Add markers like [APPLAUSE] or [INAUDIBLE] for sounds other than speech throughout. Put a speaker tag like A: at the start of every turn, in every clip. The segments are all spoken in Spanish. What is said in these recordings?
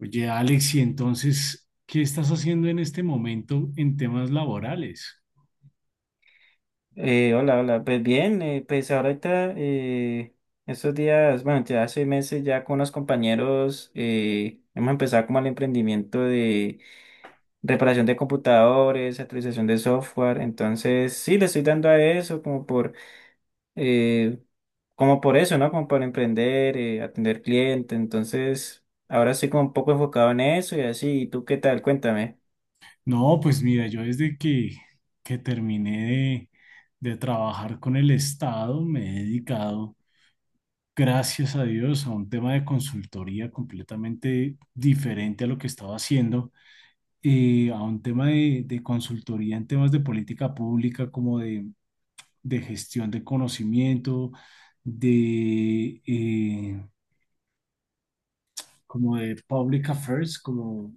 A: Oye, Alex, y entonces, ¿qué estás haciendo en este momento en temas laborales?
B: Hola, hola. Pues bien, pues ahorita estos días, bueno, ya hace meses ya con unos compañeros hemos empezado como el emprendimiento de reparación de computadores, actualización de software. Entonces, sí, le estoy dando a eso eh, como por eso, ¿no? Como por emprender, atender cliente. Entonces, ahora estoy como un poco enfocado en eso y así. ¿Y tú qué tal? Cuéntame.
A: No, pues mira, yo desde que, terminé de trabajar con el Estado, me he dedicado, gracias a Dios, a un tema de consultoría completamente diferente a lo que estaba haciendo, a un tema de consultoría en temas de política pública, como de gestión de conocimiento, de... eh, como de public affairs, como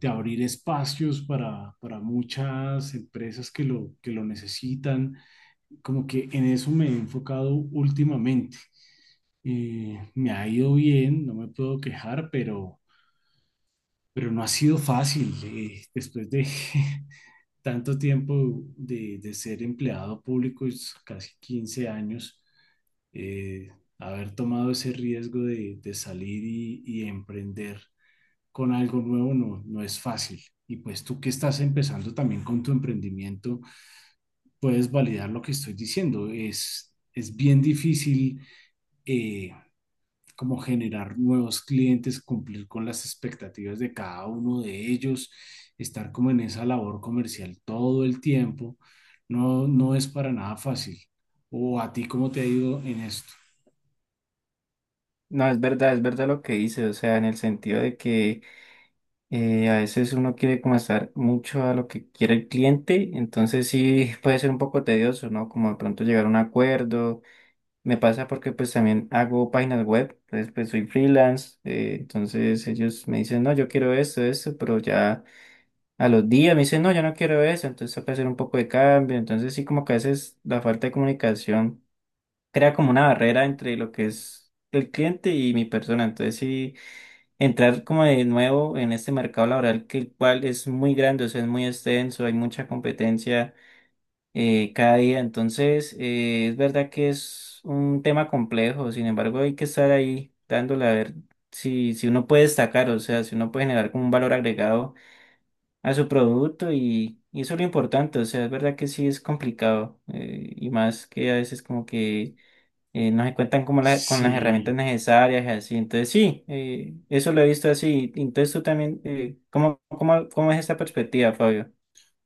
A: de abrir espacios para muchas empresas que lo necesitan. Como que en eso me he enfocado últimamente. Me ha ido bien, no me puedo quejar, pero no ha sido fácil. Después de [LAUGHS] tanto tiempo de ser empleado público, es casi 15 años, eh, haber tomado ese riesgo de salir y emprender con algo nuevo no es fácil. Y pues tú que estás empezando también con tu emprendimiento, puedes validar lo que estoy diciendo. Es bien difícil eh, como generar nuevos clientes, cumplir con las expectativas de cada uno de ellos, estar como en esa labor comercial todo el tiempo. No, no es para nada fácil. ¿O a ti cómo te ha ido en esto?
B: No, es verdad lo que dices, o sea, en el sentido de que, a veces uno quiere como estar mucho a lo que quiere el cliente, entonces sí [LAUGHS] puede ser un poco tedioso, ¿no? Como de pronto llegar a un acuerdo. Me pasa porque pues también hago páginas web, entonces pues soy freelance, entonces ellos me dicen, no, yo quiero esto, esto, pero ya a los días me dicen, no, yo no quiero eso, entonces toca hacer un poco de cambio, entonces sí como que a veces la falta de comunicación crea como una barrera entre lo que es el cliente y mi persona, entonces sí entrar como de nuevo en este mercado laboral que el cual es muy grande, o sea, es muy extenso, hay mucha competencia cada día, entonces es verdad que es un tema complejo, sin embargo hay que estar ahí dándole a ver si, si uno puede destacar, o sea, si uno puede generar como un valor agregado a su producto y eso es lo importante, o sea, es verdad que sí es complicado y más que a veces como que no se cuentan como con las herramientas
A: Sí,
B: necesarias y así. Entonces, sí, eso lo he visto así. Entonces, tú también, cómo es esta perspectiva, Fabio?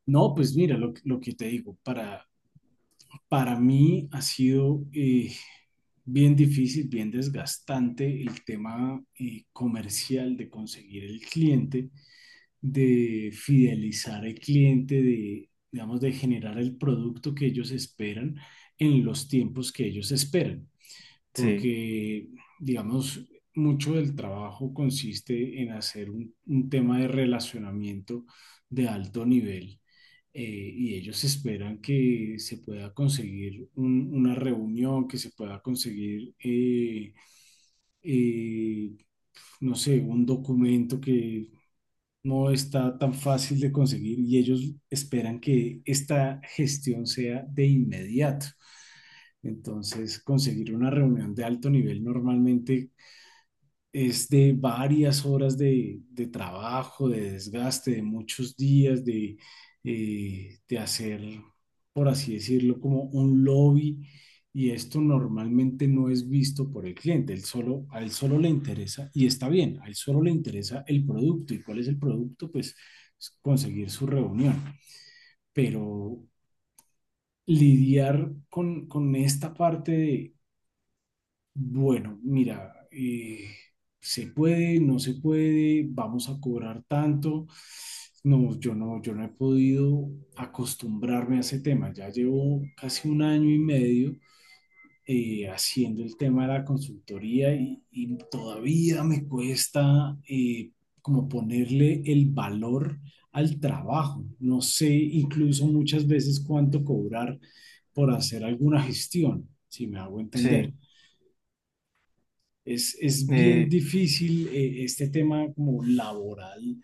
A: no, pues mira, lo que te digo, para mí ha sido bien difícil, bien desgastante el tema comercial de conseguir el cliente, de fidelizar al cliente, de, digamos, de generar el producto que ellos esperan en los tiempos que ellos esperan,
B: Sí,
A: porque, digamos, mucho del trabajo consiste en hacer un tema de relacionamiento de alto nivel eh, y ellos esperan que se pueda conseguir una reunión, que se pueda conseguir, eh, no sé, un documento que no está tan fácil de conseguir y ellos esperan que esta gestión sea de inmediato. Entonces, conseguir una reunión de alto nivel normalmente es de varias horas de trabajo, de desgaste, de muchos días, de hacer, por así decirlo, como un lobby. Y esto normalmente no es visto por el cliente. Él solo, a él solo le interesa, y está bien, a él solo le interesa el producto. ¿Y cuál es el producto? Pues es conseguir su reunión. Pero lidiar con esta parte de bueno, mira, se puede, no se puede, vamos a cobrar tanto. No, yo no he podido acostumbrarme a ese tema. Ya llevo casi un año y medio haciendo el tema de la consultoría y todavía me cuesta como ponerle el valor al trabajo. No sé incluso muchas veces cuánto cobrar por hacer alguna gestión, si me hago
B: sí,
A: entender. Es bien
B: eh,
A: difícil este tema como laboral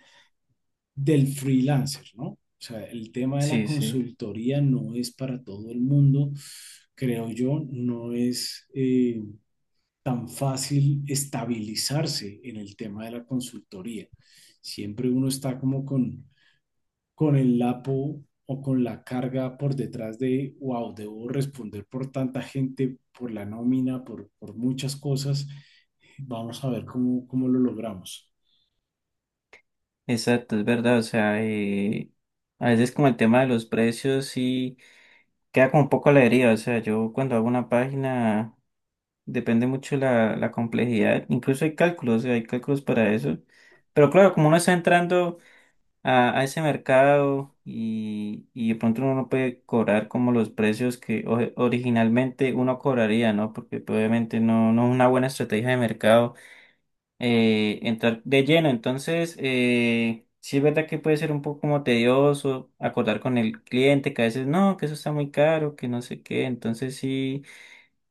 A: del freelancer, ¿no? O sea, el tema de la
B: sí, sí.
A: consultoría no es para todo el mundo, creo yo, no es tan fácil estabilizarse en el tema de la consultoría. Siempre uno está como con el lapo o con la carga por detrás de, wow, debo responder por tanta gente, por la nómina, por muchas cosas. Vamos a ver cómo, cómo lo logramos.
B: Exacto, es verdad. O sea, a veces como el tema de los precios sí queda como un poco a la deriva. O sea, yo cuando hago una página depende mucho la complejidad. Incluso hay cálculos, o sea, hay cálculos para eso. Pero claro, como uno está entrando a ese mercado y de pronto uno no puede cobrar como los precios que originalmente uno cobraría, ¿no? Porque pues, obviamente no, no es una buena estrategia de mercado entrar de lleno. Entonces, sí es verdad que puede ser un poco como tedioso acordar con el cliente que a veces no, que eso está muy caro, que no sé qué. Entonces sí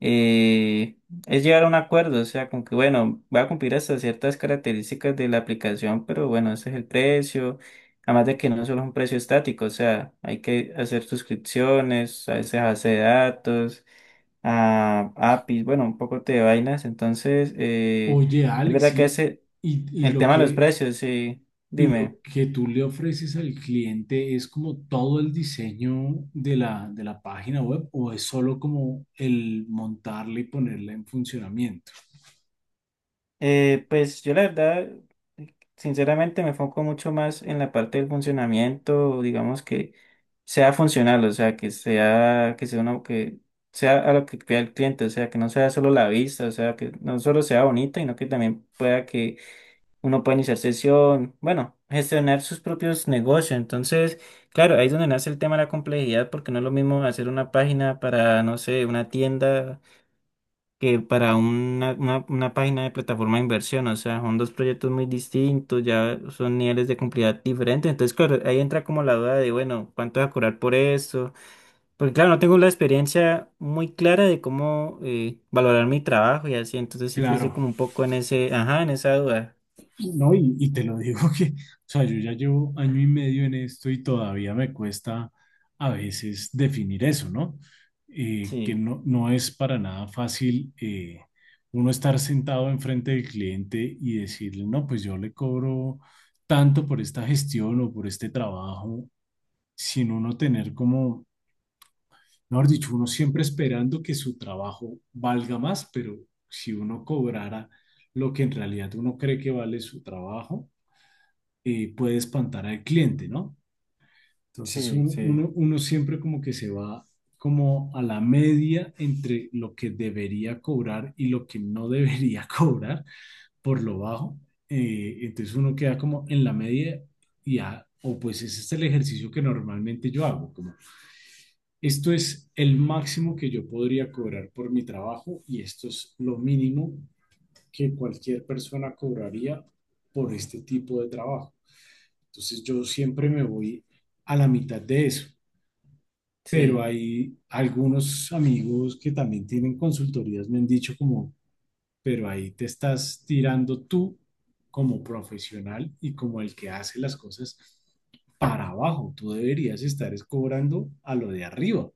B: eh, es llegar a un acuerdo, o sea, con que, bueno, va a cumplir hasta ciertas características de la aplicación, pero bueno, ese es el precio, además de que no solo es un precio estático, o sea, hay que hacer suscripciones, a veces base de datos, a APIs, bueno, un poco de vainas, entonces,
A: Oye,
B: es
A: Alex,
B: verdad que ese,
A: y- y
B: el
A: lo
B: tema de los
A: que,
B: precios, sí,
A: y
B: dime.
A: lo que tú le ofreces al cliente es como todo el diseño de la página web o es solo como el montarla y ponerla en funcionamiento.
B: Pues yo la verdad, sinceramente me enfoco mucho más en la parte del funcionamiento, digamos que sea funcional, o sea, que sea uno que sea a lo que pida el cliente, o sea, que no sea solo la vista, o sea, que no solo sea bonita, sino que también pueda que uno pueda iniciar sesión, bueno, gestionar sus propios negocios. Entonces, claro, ahí es donde nace el tema de la complejidad, porque no es lo mismo hacer una página para, no sé, una tienda que para una página de plataforma de inversión. O sea, son dos proyectos muy distintos, ya son niveles de complejidad diferentes. Entonces, claro, ahí entra como la duda de, bueno, ¿cuánto voy a cobrar por esto? Porque claro, no tengo la experiencia muy clara de cómo valorar mi trabajo y así, entonces sí que estoy
A: Claro,
B: como un poco en ese, ajá, en esa duda.
A: no, y te lo digo que, o sea, yo ya llevo año y medio en esto y todavía me cuesta a veces definir eso, ¿no? Que
B: Sí,
A: no, no es para nada fácil uno estar sentado enfrente del cliente y decirle, no, pues yo le cobro tanto por esta gestión o por este trabajo, sin uno tener como, mejor dicho, uno siempre esperando que su trabajo valga más, pero si uno cobrara lo que en realidad uno cree que vale su trabajo puede espantar al cliente, ¿no? Entonces
B: sí,
A: un-
B: sí.
A: uno, uno siempre como que se va como a la media entre lo que debería cobrar y lo que no debería [LAUGHS] cobrar por lo bajo. Entonces uno queda como en la media y ya, o pues ese es el ejercicio que normalmente yo hago, como esto es el máximo que yo podría cobrar por mi trabajo y esto es lo mínimo que cualquier persona cobraría por este tipo de trabajo. Entonces yo siempre me voy a la mitad de eso. Pero
B: Sí,
A: hay algunos amigos que también tienen consultorías, me han dicho como, pero ahí te estás tirando tú como profesional y como el que hace las cosas para abajo. Tú deberías estar es cobrando a lo de arriba,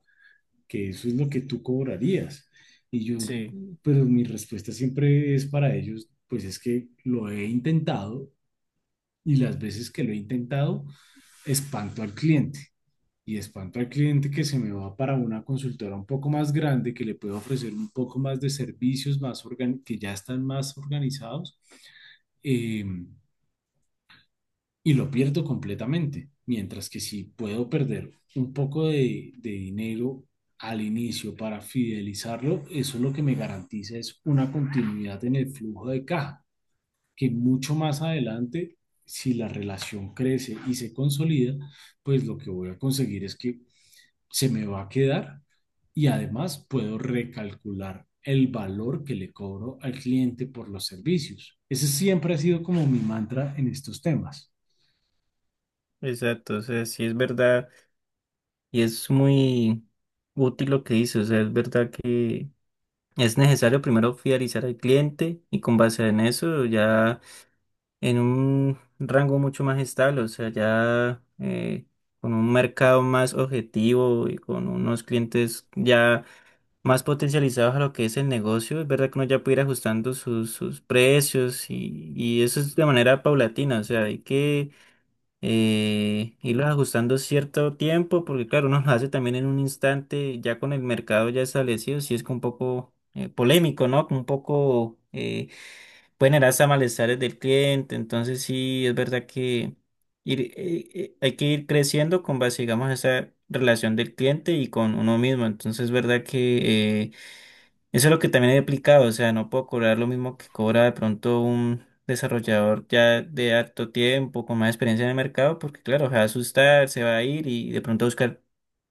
A: que eso es lo que tú cobrarías. Y yo,
B: sí,
A: pero mi respuesta siempre es para ellos, pues es que lo he intentado y las veces que lo he intentado, espanto al cliente. Y espanto al cliente que se me va para una consultora un poco más grande, que le puede ofrecer un poco más de servicios, que ya están más organizados, eh, y lo pierdo completamente. Mientras que si puedo perder un poco de dinero al inicio para fidelizarlo, eso lo que me garantiza es una continuidad en el flujo de caja que mucho más adelante, si la relación crece y se consolida, pues lo que voy a conseguir es que se me va a quedar y además puedo recalcular el valor que le cobro al cliente por los servicios. Ese siempre ha sido como mi mantra en estos temas.
B: exacto, o sea, sí es verdad y es muy útil lo que dice, o sea, es verdad que es necesario primero fidelizar al cliente y con base en eso ya en un rango mucho más estable, o sea, ya con un mercado más objetivo y con unos clientes ya más potencializados a lo que es el negocio, es verdad que uno ya puede ir ajustando sus precios y eso es de manera paulatina, o sea, hay que irlos ajustando cierto tiempo, porque claro, uno lo hace también en un instante, ya con el mercado ya establecido, sí es como un poco polémico, ¿no? Como un poco pueden generar hasta malestares del cliente, entonces sí es verdad que ir, eh, hay que ir creciendo con base, digamos, a esa relación del cliente y con uno mismo, entonces es verdad que eso es lo que también he aplicado, o sea, no puedo cobrar lo mismo que cobra de pronto un desarrollador ya de harto tiempo, con más experiencia en el mercado, porque claro, se va a asustar, se va a ir y de pronto a buscar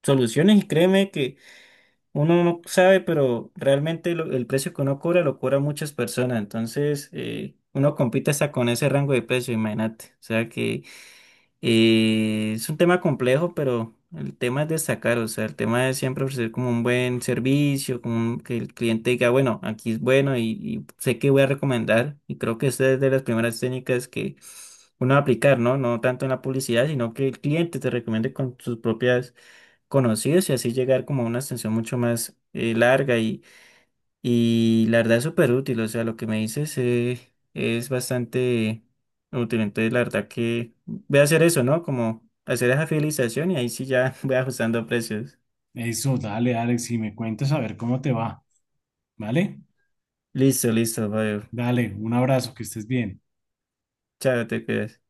B: soluciones y créeme que uno no sabe, pero realmente el precio que uno cobra lo cobra muchas personas, entonces uno compite hasta con ese rango de precio, imagínate, o sea que es un tema complejo, pero el tema es destacar, o sea, el tema es siempre ofrecer como un buen servicio, como que el cliente diga, bueno, aquí es bueno y sé que voy a recomendar. Y creo que esta es de las primeras técnicas que uno va a aplicar, ¿no? No tanto en la publicidad, sino que el cliente te recomiende con sus propias conocidos y así llegar como a una extensión mucho más larga y la verdad es súper útil, o sea, lo que me dices es bastante útil. Entonces, la verdad que voy a hacer eso, ¿no? Como hacer esa fidelización y ahí sí ya [LAUGHS] voy ajustando precios.
A: Eso, dale, Alex, y me cuentas a ver cómo te va, ¿vale?
B: Listo, listo, Fabio.
A: Dale, un abrazo, que estés bien.
B: Chao, te cuidas.